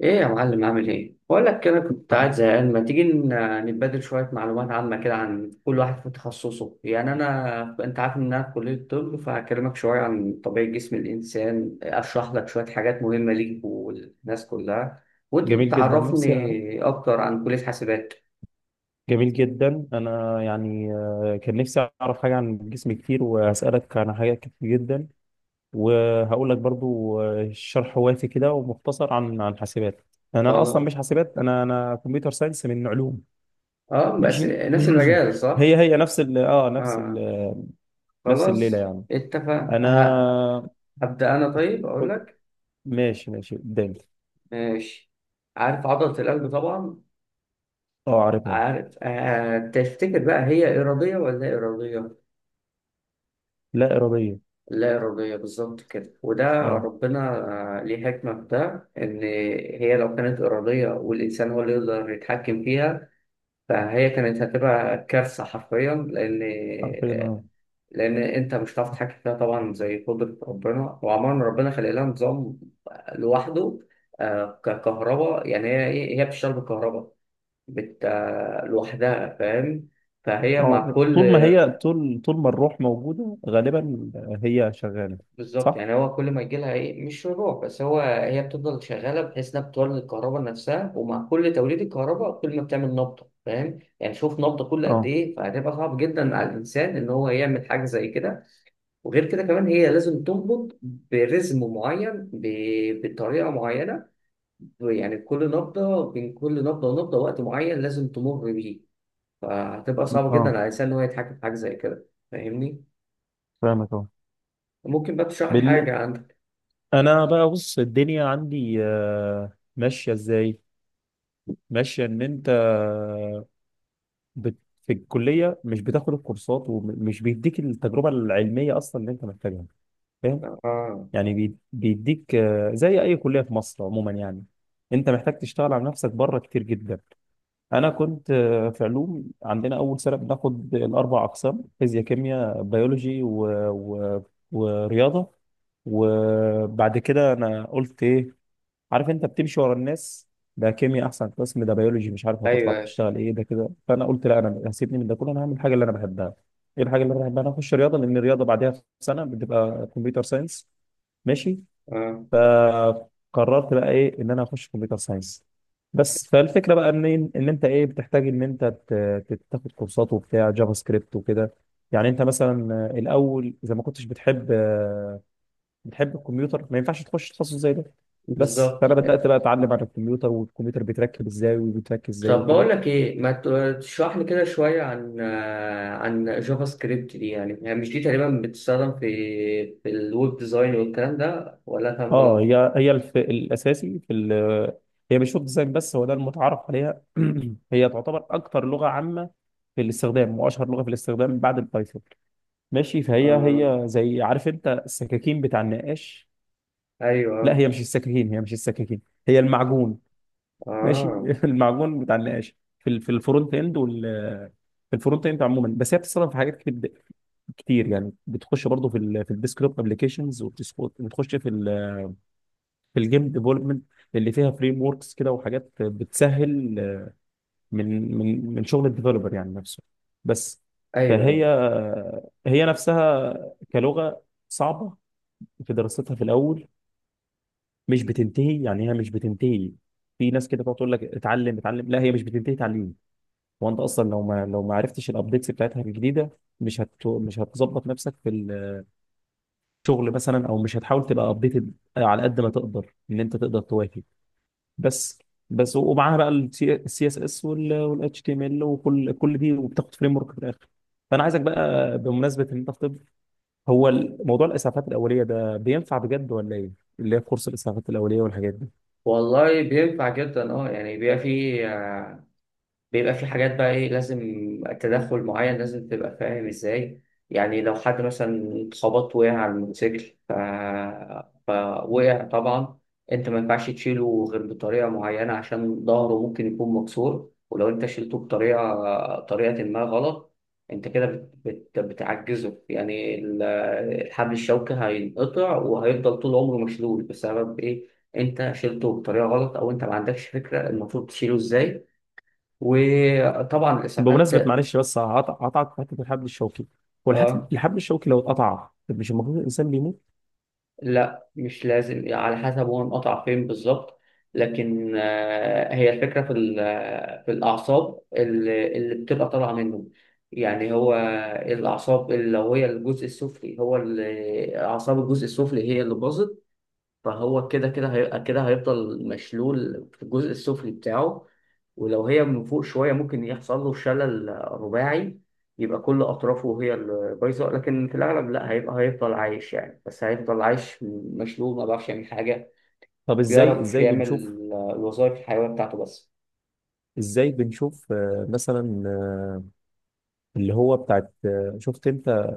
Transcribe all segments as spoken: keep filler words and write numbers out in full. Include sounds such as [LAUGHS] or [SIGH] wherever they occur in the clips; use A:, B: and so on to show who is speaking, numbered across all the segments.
A: ايه يا معلم، عامل ايه؟ بقول لك كده، كنت قاعد
B: عم-
A: زهقان، ما تيجي ن- نتبادل شويه معلومات عامه كده عن كل واحد في تخصصه. يعني انا انت عارف ان انا في كليه طب، فهكلمك شويه عن طبيعه جسم الانسان، اشرح لك شويه حاجات مهمه ليك والناس كلها، وانت
B: جميل جدا، نفسي.
A: تعرفني اكتر عن كليه حاسبات.
B: جميل جدا، انا يعني آه، كان نفسي اعرف حاجه عن الجسم كتير واسالك عن حاجات كتير جدا. وهقول لك برضو آه، شرح وافي كده ومختصر عن عن حاسبات. انا اصلا
A: خلاص.
B: مش حاسبات، انا انا كمبيوتر ساينس من علوم.
A: اه، بس
B: ماشي.
A: نفس المجال
B: [CLEARS THROAT] هي
A: صح.
B: هي نفس ال اه نفس
A: اه،
B: ال نفس الليله
A: خلاص
B: يعني.
A: اتفق. ه-
B: انا
A: هبدا انا. طيب اقول
B: كنت
A: لك.
B: ماشي ماشي قدامي.
A: ماشي. عارف عضله القلب طبعا؟
B: اه، عارفها.
A: عارف. آه تفتكر بقى هي إرادية ولا إرادية؟
B: لا اراديه.
A: لا إرادية، بالظبط كده. وده
B: اه،
A: ربنا آه ليه حكمة في ده، إن هي لو كانت إرادية والإنسان هو اللي يقدر يتحكم فيها، فهي كانت هتبقى كارثة حرفيا، لأن
B: عارفين.
A: لأن أنت مش هتعرف تتحكم فيها طبعا، زي قدرة ربنا. وعموما ربنا خلق لها نظام لوحده. آه، ككهرباء يعني، هي إيه؟ هي بتشتغل بالكهرباء، بت... آه، لوحدها، فاهم؟ فهي مع
B: اه
A: كل،
B: طول ما هي، طول طول ما الروح موجودة غالبا هي شغالة.
A: بالظبط،
B: صح؟
A: يعني هو كل ما يجيلها ايه، مش رجوع، بس هو هي بتفضل شغاله، بحيث انها بتولد الكهرباء نفسها، ومع كل توليد الكهرباء كل ما بتعمل نبضه، فاهم؟ يعني شوف نبضه كل قد
B: اه.
A: ايه، فهتبقى صعب جدا على الانسان ان هو يعمل حاجه زي كده. وغير كده كمان هي لازم تنبض برزم معين، ب- بطريقه معينه، يعني كل نبضه بين كل نبضه ونبضه وقت معين لازم تمر بيه. فهتبقى صعبه جدا
B: اه
A: على الانسان ان هو يتحكم في حاجه زي كده، فاهمني؟
B: فاهمك اه.
A: ممكن بقى تشرح لي
B: بال...
A: حاجه عندك؟
B: انا بقى بص، الدنيا عندي آه، ماشيه ازاي. ماشيه ان انت آه، بت... في الكليه مش بتاخد الكورسات ومش بيديك التجربه العلميه اصلا اللي انت محتاجها، فاهم.
A: اه.
B: يعني بي- بيديك آه، زي اي كليه في مصر عموما يعني. انت محتاج تشتغل على نفسك بره كتير جدا. انا كنت آه، في علوم، عندنا اول سنه بناخد الاربع اقسام: فيزياء، كيمياء، بيولوجي و... و... ورياضه. وبعد كده انا قلت ايه؟ عارف انت بتمشي ورا الناس، ده كيمياء احسن قسم، ده بيولوجي مش عارف هتطلع
A: ايوه.
B: تشتغل ايه، ده كده. فانا قلت لا، انا هسيبني من ده كله، انا هعمل الحاجه اللي انا بحبها. ايه الحاجه اللي انا بحبها؟ انا اخش رياضه، لان الرياضه بعدها في سنه بتبقى كمبيوتر ساينس. ماشي.
A: اه.
B: فقررت بقى ايه؟ ان انا اخش كمبيوتر ساينس بس. فالفكره بقى ان ان انت ايه، بتحتاج ان انت ت- ت- تاخد كورسات وبتاع جافا سكريبت وكده. يعني انت مثلا الاول اذا ما كنتش بتحب، بتحب الكمبيوتر، ما ينفعش تخش تخصص زي ده. بس
A: بالظبط.
B: فانا بدات بقى اتعلم عن الكمبيوتر، والكمبيوتر بيتركب ازاي وبيتركب ازاي
A: طب بقول
B: وكده.
A: لك ايه، ما ت- تشرح لي كده شويه عن آه، عن جافا سكريبت دي؟ يعني يعني مش دي تقريبا بتستخدم في في الويب ديزاين والكلام ده، ولا أنا فاهم
B: اه،
A: غلط؟
B: هي هي الف... الاساسي في ال... هي مش ويب ديزاين بس، هو ده المتعارف عليها. [CLEARS THROAT] هي تعتبر اكتر لغه عامه في الاستخدام، واشهر لغه في الاستخدام بعد البايثون. ماشي. فهي
A: اه.
B: هي زي، عارف انت السكاكين بتاع النقاش. لا،
A: ايوه.
B: هي مش السكاكين هي مش السكاكين هي المعجون. ماشي.
A: اه.
B: [LAUGHS] المعجون بتاع النقاش في ال... في الفرونت اند وال، في الفرونت اند عموما. بس هي بتستخدم في حاجات كتير كتير يعني. بتخش برضه في ال... في الديسكتوب ابلكيشنز، وبتخش في ال... في الجيم ديفلوبمنت اللي فيها فريم وركس كده، وحاجات بتسهل من من من شغل الديفلوبر يعني نفسه بس.
A: ايوه،
B: فهي
A: ايوه.
B: هي نفسها كلغة صعبة في دراستها في الأول. مش بتنتهي، يعني هي مش بتنتهي. في ناس كده تقعد تقول لك اتعلم اتعلم، لا هي مش بتنتهي تعليم. وانت اصلا لو ما لو ما عرفتش الابديتس بتاعتها الجديده، مش هت مش هتظبط نفسك في الشغل مثلا، او مش هتحاول تبقى ابديتد على قد ما تقدر ان انت تقدر تواكب بس. بس ومعاها بقى السي اس اس والاتش تي ام ال وكل كل دي، وبتاخد فريم ورك في الاخر. فانا عايزك بقى، بمناسبه ان انت في طب، هو موضوع الاسعافات الاوليه ده بينفع بجد ولا ايه؟ اللي هي كورس الاسعافات الاوليه والحاجات دي.
A: والله بينفع جدا اه، يعني بيبقى فيه بيبقى في حاجات بقى ايه لازم تدخل معين، لازم تبقى فاهم ازاي. يعني لو حد مثلا اتخبط، وقع على الموتوسيكل ف... فوقع طبعا، انت ما ينفعش تشيله غير بطريقة معينة، عشان ظهره ممكن يكون مكسور. ولو انت شيلته بطريقة طريقة ما غلط، انت كده بت... بت... بتعجزه، يعني ال- الحبل الشوكي هينقطع، وهيفضل طول عمره مشلول، بسبب ايه؟ انت شيلته بطريقة غلط، او انت ما عندكش فكرة المفروض تشيله ازاي. وطبعا الاسعافات.
B: بمناسبه، معلش بس هقطع- هقطعك في حته الحبل الشوكي. هو الحت-
A: اه،
B: الحبل الشوكي لو اتقطع، طب مش المفروض الانسان بيموت؟
A: لا مش لازم، على حسب هو انقطع فين بالظبط. لكن آه هي الفكره في ال- في الاعصاب اللي, اللي بتبقى طالعه منه. يعني هو الاعصاب اللي لو هي الجزء السفلي، هو اللي- اعصاب الجزء السفلي هي اللي باظت، فهو كده كده هيبقى كده، هيفضل مشلول في الجزء السفلي بتاعه. ولو هي من فوق شوية، ممكن يحصل له شلل رباعي، يبقى كل أطرافه هي اللي بايظة. لكن في الأغلب لا، هيبقى هيفضل عايش، يعني بس هيفضل عايش مشلول، ما بيعرفش يعمل حاجة.
B: طب ازاي
A: بيعرف
B: ازاي
A: يعمل
B: بنشوف؟
A: الوظائف الحيوية بتاعته بس.
B: ازاي بنشوف آه، مثلا آه، اللي هو بتاعت آه، شفت انت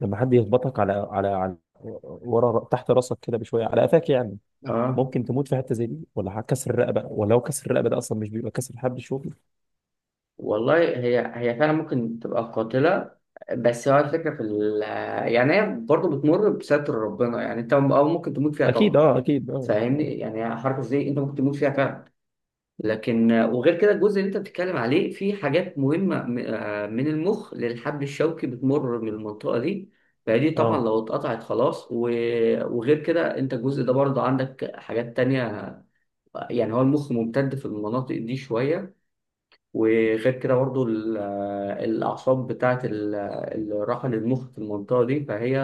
B: لما حد يخبطك على على على ورا تحت راسك كده بشويه، على قفاك يعني.
A: اه.
B: ممكن تموت في حته زي دي؟ ولا كسر الرقبه؟ ولو كسر الرقبه ده، اصلا مش بيبقى كسر حبل شوكي.
A: والله هي هي فعلا ممكن تبقى قاتلة. بس هو الفكرة في ال يعني هي برضه بتمر بستر ربنا، يعني انت أو ممكن تموت فيها
B: اكيد.
A: طبعا،
B: اه، اكيد. اه
A: فاهمني؟
B: اه
A: يعني حركه زي انت ممكن تموت فيها فعلا. لكن آه، وغير كده، الجزء اللي انت بتتكلم عليه، في حاجات مهمه م- آه، من المخ للحبل الشوكي بتمر من المنطقه دي. فدي طبعا
B: اه
A: لو اتقطعت خلاص، و- وغير كده انت الجزء ده برضه عندك حاجات تانية. آه، يعني هو المخ ممتد في المناطق دي شويه. وغير كده برضو ال- الأعصاب بتاعة ال- الراحة للمخ في المنطقة دي، فهي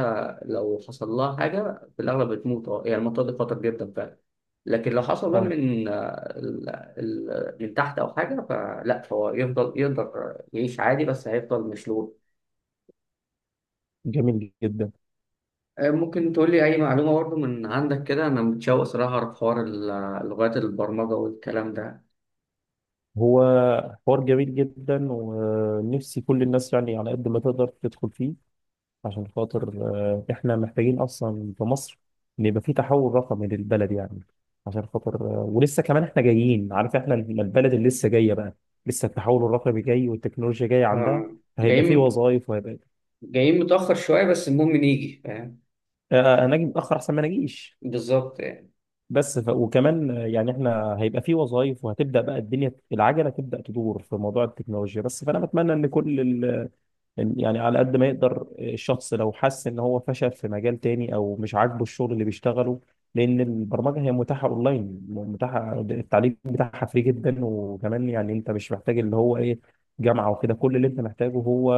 A: لو حصل لها حاجة في الأغلب بتموت، أه، يعني المنطقة دي خطر جدا فعلا. لكن لو حصل بقى من
B: آه،
A: ال- ال- من تحت أو حاجة فلا، فهو يفضل يقدر يعيش عادي، بس هيفضل مشلول.
B: جميل جدا.
A: آه، ممكن تقول لي أي معلومة برضو من عندك كده؟ أنا متشوق صراحة أعرف حوار ال- لغات البرمجة والكلام ده.
B: هو حوار جميل جدا، ونفسي كل الناس يعني على قد ما تقدر تدخل فيه، عشان خاطر آه، احنا محتاجين اصلا في مصر ان يبقى في تحول رقمي للبلد يعني. عشان خاطر آه، ولسه كمان احنا جايين، عارف احنا البلد اللي لسه جايه بقى، لسه التحول الرقمي جاي والتكنولوجيا جايه عندها.
A: آه،
B: فهيبقى في
A: جايين
B: وظائف وهيبقى
A: جايين متأخر شوية، بس المهم نيجي، فاهم؟
B: آه، آه، انا اجي متاخر احسن ما انا اجيش.
A: بالظبط.
B: بس ف... وكمان آه، يعني احنا هيبقى في وظائف، وهتبدا بقى الدنيا العجله تبدا تدور في موضوع التكنولوجيا بس. فانا بتمنى ان كل إن- يعني على قد ما يقدر آه، الشخص لو حس ان هو فشل في مجال تاني او مش عاجبه الشغل اللي بيشتغله، لان البرمجه هي متاحه اونلاين، متاحه التعليم بتاعها فري جدا. وكمان يعني انت مش محتاج اللي هو ايه، جامعه وكده، كل اللي انت محتاجه هو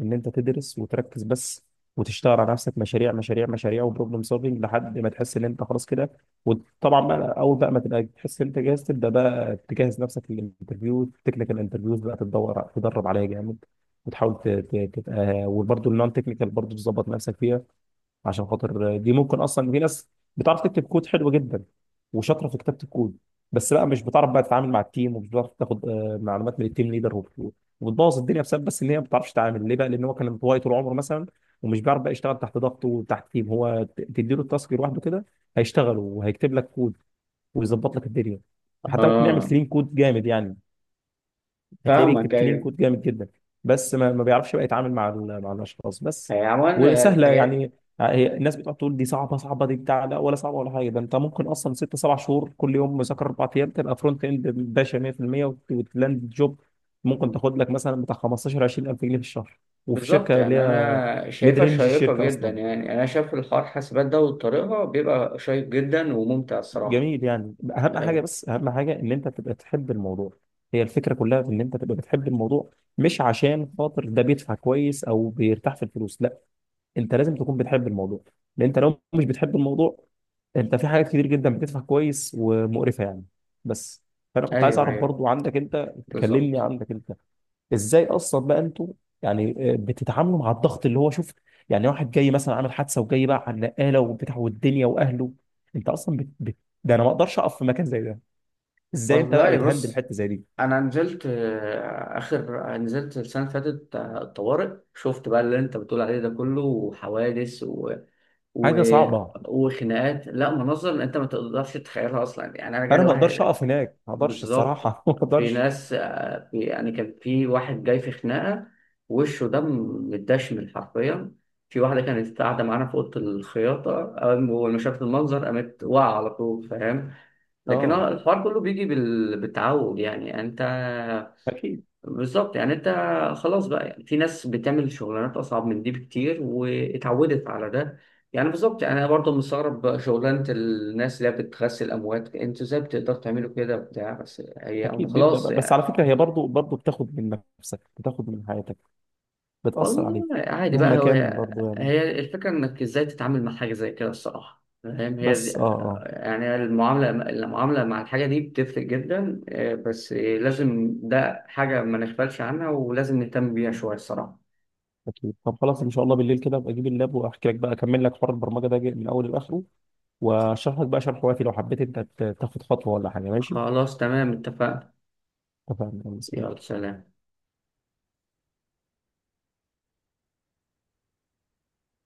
B: ان انت تدرس وتركز بس، وتشتغل على نفسك مشاريع مشاريع مشاريع وبروبلم سولفنج، لحد ما تحس ان انت خلاص كده. وطبعا بقى اول بقى ما تبقى تحس ان انت جاهز، تبدا بقى تجهز نفسك للانترفيو، تكنيكال انترفيوز بقى تدور تدرب عليها جامد. وتحاول ت- ت- تبقى، وبرده النون تكنيكال برضه تظبط نفسك فيها، عشان خاطر دي ممكن اصلا في ناس بتعرف تكتب كود حلو جدا وشاطره في كتابه الكود، بس بقى مش بتعرف بقى تتعامل مع التيم، ومش بتعرف تاخد آه، معلومات من التيم ليدر، وب- وبتبوظ الدنيا بسبب بس ان هي ما بتعرفش تتعامل. ليه بقى؟ لان هو كان انطوائي طول عمره مثلا، ومش بيعرف بقى يشتغل تحت ضغط وتحت تيم. هو ت- تديله التاسك لوحده كده، هيشتغل وهيكتب لك كود ويظبط لك الدنيا، حتى ممكن يعمل
A: اه.
B: كلين كود جامد يعني. هتلاقيه بيكتب
A: فاهمك.
B: كلين
A: ايوه.
B: كود جامد جدا، بس ما, ما بيعرفش بقى يتعامل مع ال- مع الاشخاص بس.
A: هي عموما
B: وسهله
A: الحاجات،
B: يعني. آه، هي الناس بتقعد تقول دي صعبه، صعبه دي بتاع، لا ولا صعبه ولا حاجه. ده انت ممكن اصلا ست سبع شهور كل يوم مذاكره اربع ايام، تبقى فرونت اند باشا مية في المية، وت- وتلاند جوب. ممكن تاخد لك مثلا بتاع خمستاشر عشرين الف جنيه في الشهر، وفي
A: بالظبط
B: شركه اللي
A: يعني
B: هي
A: انا
B: ميد
A: شايفها
B: رينج
A: شيقه
B: الشركه
A: جدا،
B: اصلا.
A: يعني انا شايف الحوار حاسبات ده وطريقها بيبقى شيق جدا وممتع الصراحه.
B: جميل يعني. اهم حاجه،
A: ايوه،
B: بس اهم حاجه ان انت تبقى تحب الموضوع. هي الفكره كلها في ان انت تبقى بتحب الموضوع، مش عشان خاطر ده بيدفع كويس او بيرتاح في الفلوس، لا. انت لازم تكون بتحب الموضوع، لان انت لو مش بتحب الموضوع، انت في حاجات كتير جدا بتدفع كويس ومقرفه يعني، بس. فانا كنت عايز
A: ايوه،
B: اعرف
A: ايوه.
B: برضو عندك انت، تكلمني
A: بالظبط.
B: عندك انت ازاي اصلا بقى انتوا يعني آه، بتتعاملوا مع الضغط اللي هو شوف. يعني واحد جاي مثلا عامل حادثه وجاي بقى على النقاله وبتاع والدنيا واهله، انت اصلا بت... بت... ده انا ما اقدرش اقف في مكان زي ده. ازاي انت بقى
A: والله
B: بتهندل
A: بص،
B: حته زي دي؟
A: انا نزلت آه، اخر نزلت السنه اللي فاتت آه، الطوارئ، شفت بقى اللي انت بتقول عليه ده كله، وحوادث و... و...
B: حاجه صعبه.
A: وخناقات، لا مناظر انت ما تقدرش تتخيلها اصلا. يعني انا
B: انا
A: جالي
B: ما
A: واحد.
B: اقدرش اقف هناك، ما اقدرش
A: بالظبط.
B: الصراحه. [LAUGHS] ما
A: في
B: اقدرش.
A: ناس آه، في يعني كان في واحد جاي في خناقة، وشه ده متدشمل حرفيا. في واحدة كانت قاعدة معانا في أوضة الخياطة، أول ما أول ما شافت المنظر قامت واقعة على طول، فاهم؟ لكن هو
B: اه،
A: الحوار كله بيجي بال... بالتعود يعني يعني أنت.
B: اكيد.
A: بالظبط يعني انت، خلاص بقى، يعني في ناس بتعمل شغلانات اصعب من دي بكتير واتعودت على ده. يعني بالظبط، يعني انا برضه مستغرب شغلانه الناس اللي هي بتغسل اموات، انتوا ازاي بتقدروا تعملوا كده بتاع؟ بس هي هم
B: اكيد بيبدا
A: خلاص
B: بقى. بس على
A: يعني.
B: فكره هي برضو برضو بتاخد من نفسك، بتاخد من حياتك، بتاثر
A: والله
B: عليك
A: عادي
B: مهما
A: بقى هو،
B: كان برضو يعني.
A: هي الفكره انك ازاي تتعامل مع حاجه زي كده، الصراحه فاهم؟ هي دي-
B: بس اه آه.
A: يعني المعامله المعامله مع الحاجه دي بتفرق جدا اه، بس لازم ده حاجه ما نغفلش عنها، ولازم نهتم بيها شويه الصراحه.
B: أكيد. طب خلاص، إن شاء الله بالليل كده أبقى أجيب اللاب وأحكي لك بقى، أكمل لك حوار البرمجة ده من أوله لآخره، وأشرح لك بقى شرح وافي لو حبيت أنت ت- تاخد خطوة ولا حاجة. ماشي؟
A: خلاص تمام، اتفقنا.
B: اتفقنا.
A: يلا، سلام.